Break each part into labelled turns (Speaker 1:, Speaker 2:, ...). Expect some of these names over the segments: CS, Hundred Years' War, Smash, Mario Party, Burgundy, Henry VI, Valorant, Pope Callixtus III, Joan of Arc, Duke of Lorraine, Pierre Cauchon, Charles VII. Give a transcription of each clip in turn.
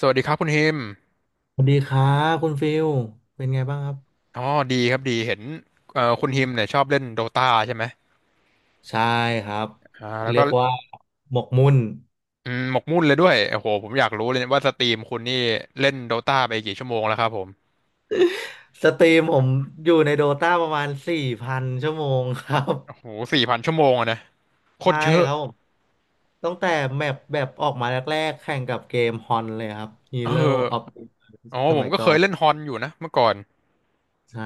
Speaker 1: สวัสดีครับคุณฮิม
Speaker 2: สวัสดีครับคุณฟิลเป็นไงบ้างครับ
Speaker 1: อ๋อดีครับดีเห็นคุณฮิมเนี่ยชอบเล่นโดตาใช่ไหม
Speaker 2: ใช่ครับ
Speaker 1: แล้ว
Speaker 2: เรี
Speaker 1: ก็
Speaker 2: ยกว่าหมกมุ่น
Speaker 1: หมกมุ่นเลยด้วยโอ้โหผมอยากรู้เลยว่าสตรีมคุณนี่เล่นโดตาไปกี่ชั่วโมงแล้วครับผม
Speaker 2: สตรีมผมอยู่ในโดตาประมาณ4,000 ชั่วโมงครับ
Speaker 1: โอ้โห4,000 ชั่วโมงอะนะโคต
Speaker 2: ใช่
Speaker 1: รเยอะ
Speaker 2: ครับผมตั้งแต่แมปแบบออกมาแรกๆแข่งกับเกมฮอนเลยครับ
Speaker 1: เอ
Speaker 2: Hero
Speaker 1: อ
Speaker 2: of Iron
Speaker 1: อ๋อ
Speaker 2: ส
Speaker 1: ผ
Speaker 2: มั
Speaker 1: ม
Speaker 2: ย
Speaker 1: ก็
Speaker 2: ก่
Speaker 1: เค
Speaker 2: อ
Speaker 1: ย
Speaker 2: น
Speaker 1: เล่นฮอนอยู่นะเมื่อก่อน
Speaker 2: ใช่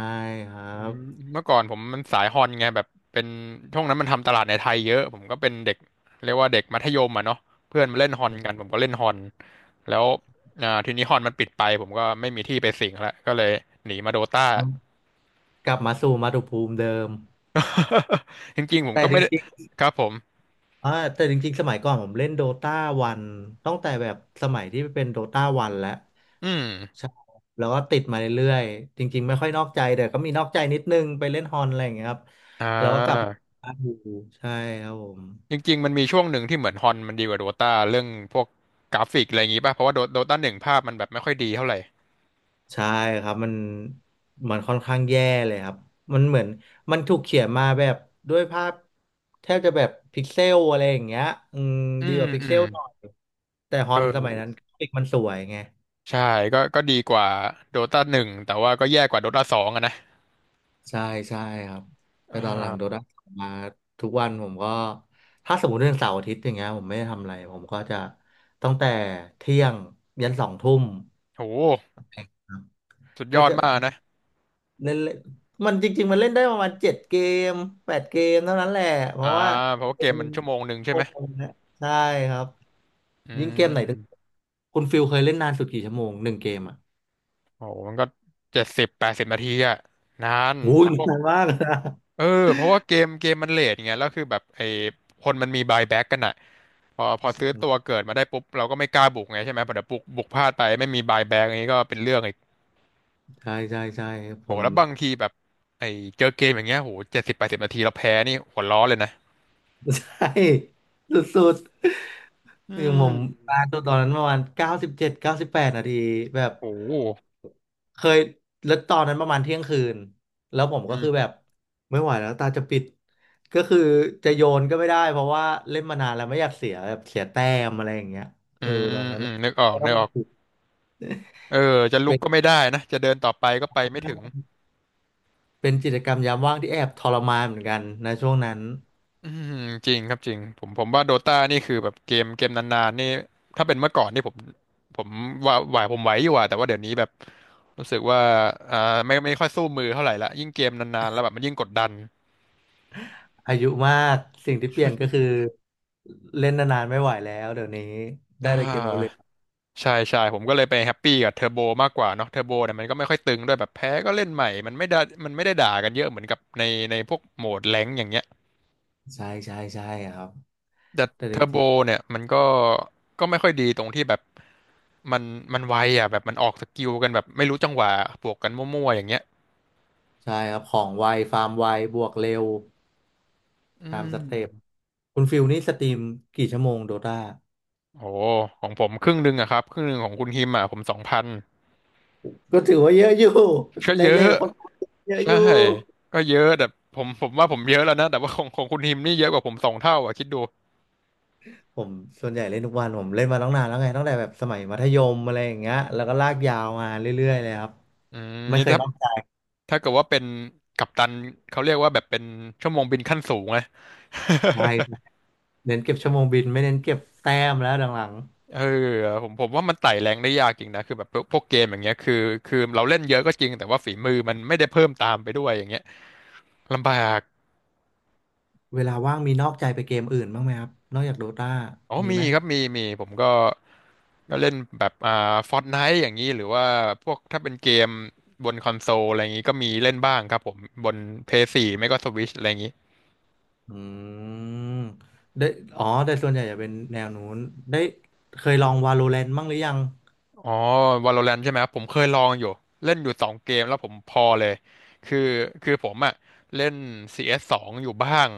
Speaker 2: ครั
Speaker 1: อื
Speaker 2: บ
Speaker 1: มเมื่อก่อนผมมันสายฮอนไงแบบเป็นช่วงนั้นมันทำตลาดในไทยเยอะผมก็เป็นเด็กเรียกว่าเด็กมัธยมอ่ะเนาะเพื่อนมาเล่นฮอนกันผมก็เล่นฮอนแล้วทีนี้ฮอนมันปิดไปผมก็ไม่มีที่ไปสิงแล้วก็เลยหนีมาโดตา
Speaker 2: กลับมาสู่มาตุภูมิเดิม
Speaker 1: จริงๆผม
Speaker 2: แต่
Speaker 1: ก็
Speaker 2: จ
Speaker 1: ไม่ได้
Speaker 2: ริง
Speaker 1: ครับผม
Speaker 2: อ่าแต่จริงๆสมัยก่อนผมเล่นโดตาวันตั้งแต่แบบสมัยที่เป็นโดตาวันแล้ว
Speaker 1: อืม
Speaker 2: ใช่แล้วก็ติดมาเรื่อยๆจริงๆไม่ค่อยนอกใจแต่ก็มีนอกใจนิดนึงไปเล่นฮอนอะไรอย่างเงี้ยครับ
Speaker 1: อ่า
Speaker 2: อยู่ใช่ครับผม
Speaker 1: จริงๆมันมีช่วงหนึ่งที่เหมือนฮอนมันดีกว่าโดตาเรื่องพวกกราฟิกอะไรอย่างงี้ป่ะเพราะว่าโดตาหนึ่งภาพมันแบบไม่ค่อยดีเท่าไหร่
Speaker 2: ใช่ครับมันค่อนข้างแย่เลยครับมันเหมือนมันถูกเขียนมาแบบด้วยภาพแทบจะแบบพิกเซลอะไรอย่างเงี้ยอืม
Speaker 1: อื
Speaker 2: ดีก
Speaker 1: ม
Speaker 2: ว่าพิก
Speaker 1: อื
Speaker 2: เซ
Speaker 1: ม
Speaker 2: ลหน่อยแต่ฮอ
Speaker 1: เอ
Speaker 2: นส
Speaker 1: อ
Speaker 2: มัยนั้นกราฟิกมันสวยไง
Speaker 1: ใช่ก็ดีกว่าโดตาหนึ่งแต่ว่าก็แย่กว่าโดตาสองอะนะ
Speaker 2: ใช่ใช่ครับแต่
Speaker 1: อ่
Speaker 2: ตอนหลังโด
Speaker 1: า
Speaker 2: ด้ามาทุกวันผมก็ถ้าสมมติเรื่องเสาร์อาทิตย์อย่างเงี้ยผมไม่ได้ทำอะไรผมก็จะตั้งแต่เที่ยงยันสองทุ่ม
Speaker 1: โห
Speaker 2: ครับ
Speaker 1: สุดย
Speaker 2: ก็
Speaker 1: อด
Speaker 2: จะ
Speaker 1: มากนะ
Speaker 2: เล่นเล่นมันจริงๆมันเล่นได้ประมาณ7 เกม8 เกมเท่านั้นแหละเพ
Speaker 1: อ่า
Speaker 2: ราะว่า
Speaker 1: เพราะว่าเกมมันชั่วโมงหนึ่งใช่
Speaker 2: โอ้
Speaker 1: ไหม
Speaker 2: โหนะใช่ครับ
Speaker 1: อื
Speaker 2: ยิ่งเกมไหนตึก
Speaker 1: ม
Speaker 2: คุณฟิลเคยเล่นนานสุดกี่ชั่วโมงหนึ่งเกมอ่ะ
Speaker 1: โหมันก็เจ็ดสิบแปดสิบนาทีอะนาน
Speaker 2: โอ้ย
Speaker 1: พวก
Speaker 2: นานมากนะ
Speaker 1: เออเพราะว่าเกมมันเลทไงแล้วคือแบบไอ้คนมันมีบายแบ็กกันอะพอซื้อตัวเกิดมาได้ปุ๊บเราก็ไม่กล้าบุกไงใช่ไหมพอเดี๋ยวบุกพลาดไปไม่มีบายแบ็กนี้ก็เป็นเรื่องอีก
Speaker 2: ใช่ใช่ใช่ผ
Speaker 1: โห
Speaker 2: ม
Speaker 1: แล้วบางทีแบบไอ้เจอเกมอย่างเงี้ยโหเจ็ดสิบแปดสิบนาทีเราแพ้นี่หัวร้อนเลยนะ
Speaker 2: ใช่สุด
Speaker 1: อื
Speaker 2: ๆคือผม
Speaker 1: ม
Speaker 2: ปาตัวตอนนั้นประมาณ9798 นาทีแบบ
Speaker 1: โอ้โห
Speaker 2: เคยแล้วตอนนั้นประมาณเที่ยงคืนแล้วผม
Speaker 1: อื
Speaker 2: ก็
Speaker 1: ม
Speaker 2: คือแบบไม่ไหวแล้วตาจะปิดก็คือจะโยนก็ไม่ได้เพราะว่าเล่นมานานแล้วไม่อยากเสียแบบเสียแต้มอะไรอย่างเงี้ย
Speaker 1: อื
Speaker 2: เออตอ
Speaker 1: ม
Speaker 2: นนั้น
Speaker 1: อืมนึกออก
Speaker 2: ก็
Speaker 1: นึ
Speaker 2: ต้อง
Speaker 1: กออกเออจะลุ
Speaker 2: เป็
Speaker 1: ก
Speaker 2: น
Speaker 1: ก็ไม่ได้นะ จะเดินต่อไปก็ไปไม่ถึง
Speaker 2: เป็นกิจกรรมยามว่างที่แอบทรมานเหมือนกันนะช่วงนั้น
Speaker 1: อืมจริงครับจริง ผมว่าโดตานี่คือแบบเกมนานๆนี่ ถ้าเป็นเมื่อก่อนนี่ผมผมว่าไหวอยู่อะแต่ว่าเดี๋ยวนี้แบบรู้สึกว่าอ่าไม่ค่อยสู้มือเท่าไหร่ละยิ่งเกมนานๆแล้วแบบมันยิ่งกดดัน
Speaker 2: อายุมากสิ่งที่เปลี่ยนก็คือเล่นนานๆไม่ไหวแล้วเดี๋ยวนี้
Speaker 1: อ่
Speaker 2: ได้แต่เกมเอา
Speaker 1: าใช่ใช่ผมก็เลยไปแฮปปี้กับเทอร์โบมากกว่าเนาะเทอร์โบเนี่ยมันก็ไม่ค่อยตึงด้วยแบบแพ้ก็เล่นใหม่มันไม่ได้ด่ากันเยอะเหมือนกับในในพวกโหมดแรงค์อย่างเงี้ย
Speaker 2: ใช่ใช่ใช่ครับ
Speaker 1: แต่
Speaker 2: แต่จ
Speaker 1: เทอร์โบ
Speaker 2: ริง
Speaker 1: เนี่ยมันก็ไม่ค่อยดีตรงที่แบบมันมันไวอ่ะแบบมันออกสกิลกันแบบไม่รู้จังหวะบวกกันมั่วๆอย่างเงี้ย
Speaker 2: ๆใช่ครับของไวฟาร์มไวบวกเร็ว
Speaker 1: อื
Speaker 2: ตาม
Speaker 1: ม
Speaker 2: สเต็ปคุณฟิลนี่สตรีมกี่ชั่วโมงโดตา
Speaker 1: โอ้ของผมครึ่งหนึ่งอะครับครึ่งหนึ่งของคุณฮิมอะผม2,000
Speaker 2: ก็ถือว่าเยอะอยู่
Speaker 1: ก็
Speaker 2: ใน
Speaker 1: เย
Speaker 2: เล่
Speaker 1: อะ
Speaker 2: นคนเยอะอ
Speaker 1: ใช่
Speaker 2: ยู่
Speaker 1: ก็เยอะแต่ผมว่าผมเยอะแล้วนะแต่ว่าของของคุณฮิมนี่เยอะกว่าผม2 เท่าอะคิดดู
Speaker 2: ผมส่วนใหญ่เล่นทุกวันผมเล่นมาตั้งนานแล้วไงตั้งแต่แบบสมัยมัธยมอะไรอย่างเงี้ยแล้วก็ลากยาวมาเรื่อยๆเลยครับ
Speaker 1: อืม
Speaker 2: ไม่
Speaker 1: นี่
Speaker 2: เคย
Speaker 1: ถ้า
Speaker 2: นอกใจ
Speaker 1: ถ้าเกิดว่าเป็นกัปตันเขาเรียกว่าแบบเป็นชั่วโมงบินขั้นสูงไง
Speaker 2: ใช่ครับเน้นเก็บชั่วโมงบินไม่เน้นเก็บแต้มแล้วหลัง
Speaker 1: เออผมว่ามันไต่แรงได้ยากจริงนะคือแบบพวกเกมอย่างเงี้ยคือเราเล่นเยอะก็จริงแต่ว่าฝีมือมันไม่ได้เพิ่มตามไปด้วยอย่างเงี้ยลำบาก
Speaker 2: ๆเวลาว่างมีนอกใจไปเกมอื่นบ้างไหมครับนอกจากโดตา
Speaker 1: อ๋อ
Speaker 2: มี
Speaker 1: มี
Speaker 2: ไหม
Speaker 1: ครับมีผมก็เล่นแบบฟอร์ตไนท์อย่างนี้หรือว่าพวกถ้าเป็นเกมบนคอนโซลอะไรอย่างนี้ก็มีเล่นบ้างครับผมบนเพย์สีไม่ก็สวิชอะไรอย่างนี้
Speaker 2: อืมได้อ๋อแต่ส่วนใหญ่จะเป็นแนวนู้นได้เคยลอง Valorant บ้างหรือยัง
Speaker 1: อ๋อ Valorant ใช่ไหมครับผมเคยลองอยู่เล่นอยู่2 เกมแล้วผมพอเลยคือคือผมอะเล่น CS สสองอยู่บ้าง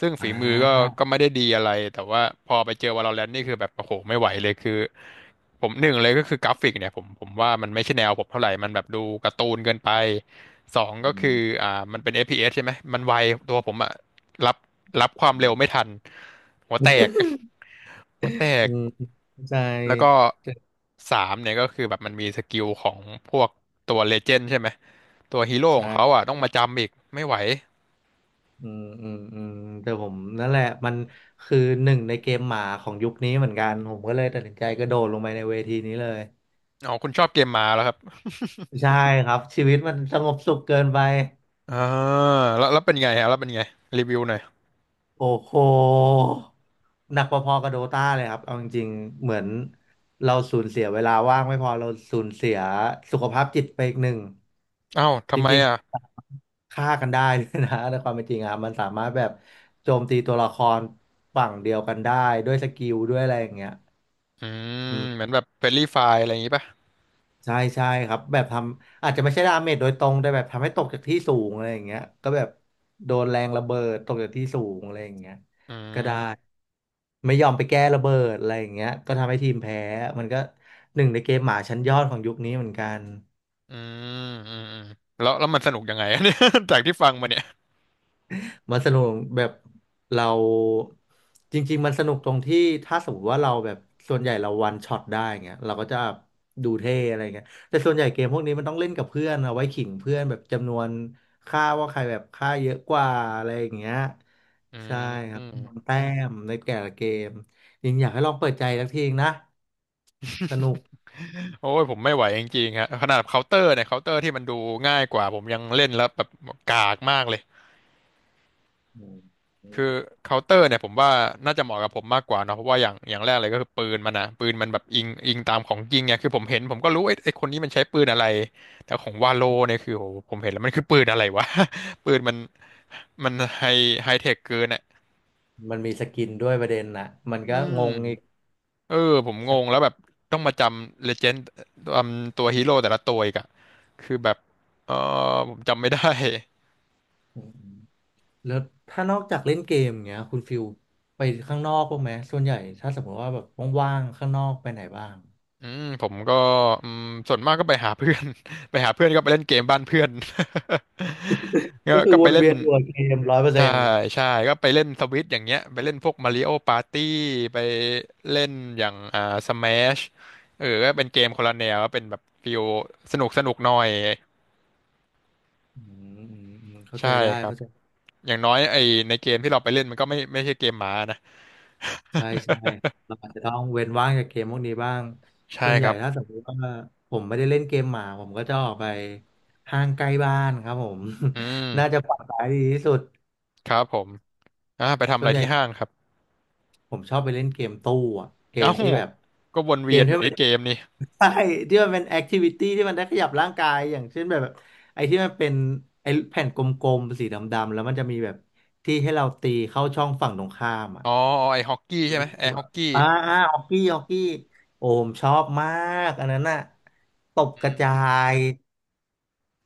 Speaker 1: ซึ่ง
Speaker 2: อ่
Speaker 1: ฝีมือก็
Speaker 2: า
Speaker 1: ก็ไม่ได้ดีอะไรแต่ว่าพอไปเจอ Valorant นี่คือแบบโอ้โหไม่ไหวเลยคือผมหนึ่งเลยก็คือกราฟิกเนี่ยผมว่ามันไม่ใช่แนวผมเท่าไหร่มันแบบดูการ์ตูนเกินไปสองก็
Speaker 2: อื
Speaker 1: คือ
Speaker 2: ม
Speaker 1: อ่ามันเป็นเ p s ใช่ไหมมันไวตัวผมอะรับรับความ
Speaker 2: อื
Speaker 1: เร็ว
Speaker 2: ม
Speaker 1: ไม่ทันหัวแตก หัวแต
Speaker 2: อื
Speaker 1: ก
Speaker 2: มเข้าใจ
Speaker 1: แล้วก็
Speaker 2: แต่
Speaker 1: สามเนี่ยก็คือแบบมันมีสกิลของพวกตัวเลเจนด์ใช่ไหมตัวฮีโร่ของเขา
Speaker 2: ใช่
Speaker 1: อ่ะต้องมาจำอีกไม่ไหว
Speaker 2: อืมอืมอืมแต่ผมนั่นแหละมันคือหนึ่งในเกมหมาของยุคนี้เหมือนกันผมก็เลยตัดสินใจกระโดดลงไปในเวทีนี้เลย
Speaker 1: อ๋อคุณชอบเกมมาแล้วครับ
Speaker 2: ใช่ครับชีวิตมันสงบสุขเกินไป
Speaker 1: อ่าแล้วแล้วเป็นไงฮะแล้วเป็นไงรีวิวหน่อย
Speaker 2: โอ้โหหนักพอๆกับโดตาเลยครับเอาจริงๆเหมือนเราสูญเสียเวลาว่างไม่พอเราสูญเสียสุขภาพจิตไปอีกหนึ่ง
Speaker 1: อ้าว
Speaker 2: จ
Speaker 1: ทำไม
Speaker 2: ริง
Speaker 1: อ่ะ
Speaker 2: ๆฆ่ากันได้เลยนะ ในความเป็นจริงอะครับมันสามารถแบบโจมตีตัวละครฝั่งเดียวกันได้ด้วยสกิลด้วยอะไรอย่างเงี้ย
Speaker 1: อืมเหมือนแบบเฟรนลี่ไฟล์อะไรอย่างงี้ป่ะ
Speaker 2: ใช่ใช่ครับแบบทำอาจจะไม่ใช่ดาเมจโดยตรงแต่แบบทำให้ตกจากที่สูงอะไรอย่างเงี้ยก็แบบโดนแรงระเบิดตกจากที่สูงอะไรอย่างเงี้ย
Speaker 1: อื
Speaker 2: ก็ได้
Speaker 1: ม
Speaker 2: ไม่ยอมไปแก้ระเบิดอะไรอย่างเงี้ยก็ทำให้ทีมแพ้มันก็หนึ่งในเกมหมาชั้นยอดของยุคนี้เหมือนกัน
Speaker 1: อืมอืมอืมแล้วมันสนุกยังไงอะ เนี่ย จากที่ฟังมาเนี่ย
Speaker 2: มันสนุกแบบเราจริงๆมันสนุกตรงที่ถ้าสมมติว่าเราแบบส่วนใหญ่เราวันช็อตได้เงี้ยเราก็จะดูเท่อะไรเงี้ยแต่ส่วนใหญ่เกมพวกนี้มันต้องเล่นกับเพื่อนเอาไว้ขิงเพื่อนแบบจำนวนค่าว่าใครแบบค่าเยอะกว่าอะไรอย่างเงี้ย
Speaker 1: อืม
Speaker 2: ใช่ค
Speaker 1: อื
Speaker 2: รับ
Speaker 1: ม
Speaker 2: จำนวนแต้มในแต่ละเกมยิงอยากให้ลองเปิดใจสักทีนะสนุก
Speaker 1: โอ้ยผมไม่ไหวจริงๆฮะขนาดเคาน์เตอร์เนี่ยเคาน์เตอร์ที่มันดูง่ายกว่าผมยังเล่นแล้วแบบกากมากเลย
Speaker 2: อืม
Speaker 1: คือเคาน์เตอร์เนี่ยผมว่าน่าจะเหมาะกับผมมากกว่าเนอะเพราะว่าอย่างแรกเลยก็คือปืนมันนะปืนมันแบบอิงตามของจริงไงคือผมเห็นผมก็รู้ไอ้คนนี้มันใช้ปืนอะไรแต่ของวาโลเนี่ยคือโหผมเห็นแล้วมันคือปืนอะไรวะ ปืนมันไฮไฮเทคเกินอ่ะ
Speaker 2: มันมีสกินด้วยประเด็นนะมัน
Speaker 1: อื
Speaker 2: ก็ง
Speaker 1: ม
Speaker 2: งอีก
Speaker 1: เออผมงงแล้วแบบต้องมาจำเลเจนด์ตัวฮีโร่แต่ละตัวอีกอะคือแบบเออผมจำไม่ได้
Speaker 2: แล้วถ้านอกจากเล่นเกมอย่างเงี้ยคุณฟิลไปข้างนอกบ้างไหมส่วนใหญ่ถ้าสมมติว่าแบบว่างๆข้างนอกไปไหนบ้าง
Speaker 1: อืมผมก็อืมส่วนมากก็ไปหาเพื่อน ไปหาเพื่อนก็ไปเล่นเกมบ้านเพื่อน ก็
Speaker 2: ก็คือ
Speaker 1: ก็
Speaker 2: ว
Speaker 1: ไป
Speaker 2: น
Speaker 1: เล่น
Speaker 2: เวียนอยู่กับเกมร้อยเปอร์
Speaker 1: ใช่
Speaker 2: เซ็นต์
Speaker 1: ใช่ก็ไปเล่นสวิตอย่างเงี้ยไปเล่นพวกมาริโอปาร์ตี้ไปเล่นอย่างสแมชเออก็เป็นเกมคนละแนวก็เป็นแบบฟิลสนุกหน่อย
Speaker 2: อืมอืมอืมเข้า
Speaker 1: ใช่
Speaker 2: ใจได้
Speaker 1: ครับ
Speaker 2: เข้าใจ
Speaker 1: อย่างน้อยไอในเกมที่เราไปเล่นมันก็ไม่ใช่เกมหมานะ
Speaker 2: ใช่ใช่เราอาจจะต้องเว้นว่างจากเกมพวกนี้บ้าง ส่
Speaker 1: ใช่
Speaker 2: วน
Speaker 1: ค
Speaker 2: ใหญ่
Speaker 1: รับ
Speaker 2: ถ้าสมมติว่าผมไม่ได้เล่นเกมหมาผมก็จะออกไปห้างใกล้บ้านครับผม
Speaker 1: อืม
Speaker 2: น่าจะปลอดภัยดีที่สุด
Speaker 1: ครับผมอ่าไปทำ
Speaker 2: ส่
Speaker 1: อะ
Speaker 2: วน
Speaker 1: ไร
Speaker 2: ใหญ่
Speaker 1: ที่ห้างครับ
Speaker 2: ผมชอบไปเล่นเกมตู้อะเก
Speaker 1: เอ้า
Speaker 2: มที่แบบ
Speaker 1: ก็วน
Speaker 2: เก
Speaker 1: เวี
Speaker 2: ม
Speaker 1: ยนอ
Speaker 2: ที่
Speaker 1: ยู่ใน
Speaker 2: มัน
Speaker 1: เกมนี่
Speaker 2: ใช่ที่มันเป็นแอคทิวิตี้ที่มันได้ขยับร่างกายอย่างเช่นแบบไอ้ที่มันเป็นไอ้แผ่นกลมๆสีดำๆแล้วมันจะมีแบบที่ให้เราตีเข้าช่องฝั่งตรงข้ามอ่ะ
Speaker 1: อ๋อไอฮอกกี้ใช่ไหมไอฮอกกี้
Speaker 2: อ่าอ่าฮอกกี้ฮอกกี้โอผมชอบมากอันนั้นน่ะตบ
Speaker 1: อื
Speaker 2: กระจา
Speaker 1: ม
Speaker 2: ย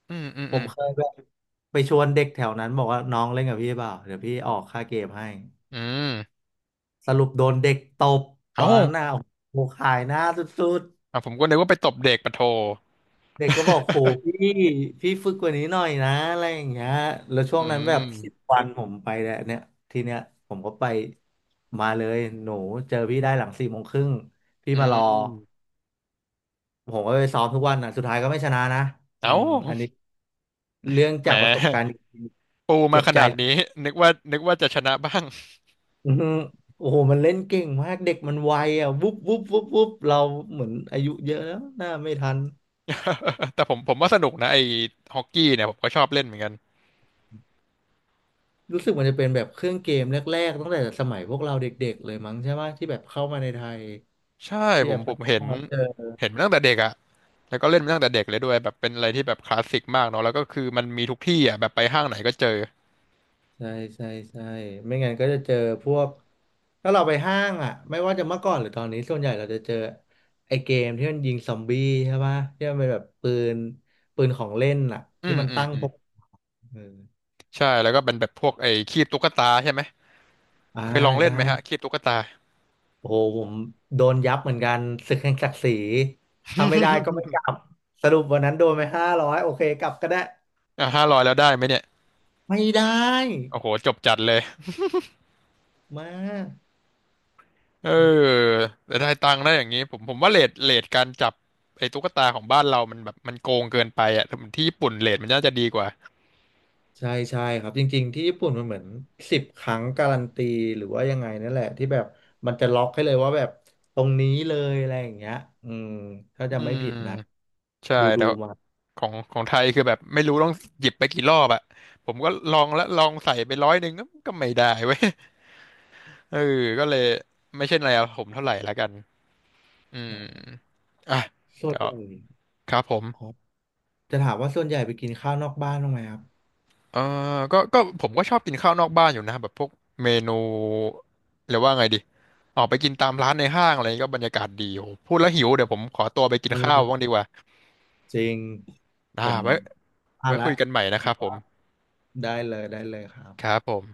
Speaker 1: อืมอืม
Speaker 2: ผ
Speaker 1: อื
Speaker 2: มเค
Speaker 1: ม
Speaker 2: ยแบบไปชวนเด็กแถวนั้นบอกว่าน้องเล่นกับพี่เปล่าเดี๋ยวพี่ออกค่าเกมให้
Speaker 1: อืม
Speaker 2: สรุปโดนเด็กตบต
Speaker 1: เอ้า
Speaker 2: อนนั้นน่ะโอ้โหขายหน้าสุด
Speaker 1: อ่ะผมก็นึกว่าไปตบเด็กปะโท
Speaker 2: ๆ เด็กก็บอกโห พี่พี่ฝึกกว่านี้หน่อยนะอะไรอย่างเงี้ยแล้วช่
Speaker 1: อื
Speaker 2: วงนั้นแบ
Speaker 1: ม
Speaker 2: บ10 วันผมไปแล้วเนี่ยทีเนี้ยผมก็ไปมาเลยหนูเจอพี่ได้หลัง4 โมงครึ่งพี่
Speaker 1: อื
Speaker 2: มารอ
Speaker 1: ม
Speaker 2: ผมก็ไปซ้อมทุกวันนะสุดท้ายก็ไม่ชนะนะอื
Speaker 1: เอ้า
Speaker 2: มอันนี้เรื่อง
Speaker 1: แหม
Speaker 2: จากประสบการณ์จริง
Speaker 1: ปู
Speaker 2: ๆเจ็
Speaker 1: มา
Speaker 2: บ
Speaker 1: ข
Speaker 2: ใจ
Speaker 1: นาดนี้นึกว่าจะชนะบ้าง
Speaker 2: อือฮึโอ้โหมันเล่นเก่งมากเด็กมันไวอ่ะวุบวุบวุบวุบเราเหมือนอายุเยอะแล้วหน้าไม่ทัน
Speaker 1: แต่ผมว่าสนุกนะไอ้ฮอกกี้เนี่ยผมก็ชอบเล่นเหมือนกัน
Speaker 2: รู้สึกมันจะเป็นแบบเครื่องเกมแรกๆตั้งแต่สมัยพวกเราเด็กๆเลยมั้งใช่ไหมที่แบบเข้ามาในไทย
Speaker 1: ใช่
Speaker 2: ที่
Speaker 1: ผ
Speaker 2: แบ
Speaker 1: ม
Speaker 2: บ
Speaker 1: ผ
Speaker 2: เรา
Speaker 1: มเห็น
Speaker 2: เจอ
Speaker 1: เห็นมาตั้งแต่เด็กอะแล้วก็เล่นมาตั้งแต่เด็กเลยด้วยแบบเป็นอะไรที่แบบคลาสสิกมากเนาะแล้วก็คือมันมีทุกที่อะแบบไปห้างไหนก็เจอ
Speaker 2: ใช่ใช่ใช่ไม่งั้นก็จะเจอพวกถ้าเราไปห้างอ่ะไม่ว่าจะเมื่อก่อนหรือตอนนี้ส่วนใหญ่เราจะเจอไอ้เกมที่มันยิงซอมบี้ใช่ปะที่มันเป็นแบบนปืนของเล่นอ่ะ
Speaker 1: อื
Speaker 2: ที่
Speaker 1: ม
Speaker 2: มัน
Speaker 1: อืม
Speaker 2: ตั้ง
Speaker 1: อื
Speaker 2: พ
Speaker 1: ม
Speaker 2: กเออ
Speaker 1: ใช่แล้วก็เป็นแบบพวกไอ้คีบตุ๊กตาใช่ไหม
Speaker 2: อ่า
Speaker 1: เคยลองเล่น
Speaker 2: ใช่
Speaker 1: ไหมฮะคีบตุ๊กตา
Speaker 2: โอ้โหผมโดนยับเหมือนกันศึกแห่งศักดิ์ศรีถ้าไม่ได้ก็ไม่กลับสรุปวันนั้นโดนไป500โอเคกลับก็ได้
Speaker 1: อ่ะ500แล้วได้ไหมเนี่ย
Speaker 2: ไม่ได้
Speaker 1: โอ้โหจบจัดเลย
Speaker 2: มาก
Speaker 1: เออแต่ได้ตังค์ได้อย่างนี้ผมว่าเรทการจับไอ้ตุ๊กตาของบ้านเรามันแบบมันโกงเกินไปอ่ะถ้ามันที่ญี่ปุ่นเรทมันน่าจะดีกว่า
Speaker 2: ใช่ใช่ครับจริงๆที่ญี่ปุ่นมันเหมือน10 ครั้งการันตีหรือว่ายังไงนั่นแหละที่แบบมันจะล็อกให้เลยว่าแบบตรงนี้เลยอะไรอย่างเงี้ยอืมถ้า
Speaker 1: อื
Speaker 2: จะไม่ผิดนะ
Speaker 1: มใช่
Speaker 2: ดู
Speaker 1: แต่
Speaker 2: มา
Speaker 1: ของไทยคือแบบไม่รู้ต้องหยิบไปกี่รอบอ่ะผมก็ลองแล้วลองใส่ไป100ก็ก็ไม่ได้เว้ยเออก็เลยไม่ใช่แนวผมเท่าไหร่ละกันอืม
Speaker 2: ใช่
Speaker 1: อ่ะ
Speaker 2: ส่ว
Speaker 1: เดี๋
Speaker 2: น
Speaker 1: ยว
Speaker 2: ใหญ่
Speaker 1: ครับผม
Speaker 2: ครับจะถามว่าส่วนใหญ่ไปกินข้าวนอกบ้านบ้างไหมครับ
Speaker 1: เออก็ผมก็ชอบกินข้าวนอกบ้านอยู่นะแบบพวกเมนูเรียกว่าไงดีออกไปกินตามร้านในห้างอะไรก็บรรยากาศดีโอ้โหพูดแล้วหิวเดี๋ยวผมขอตัวไปกินข้าวบ้า
Speaker 2: เออ
Speaker 1: งดีกว่า
Speaker 2: จริง
Speaker 1: อ่า
Speaker 2: ผมพลา
Speaker 1: ไว้
Speaker 2: ด
Speaker 1: คุ
Speaker 2: ละ
Speaker 1: ยกันใหม่นะครับผม
Speaker 2: ได้เลยได้เลยครับ
Speaker 1: ครับผม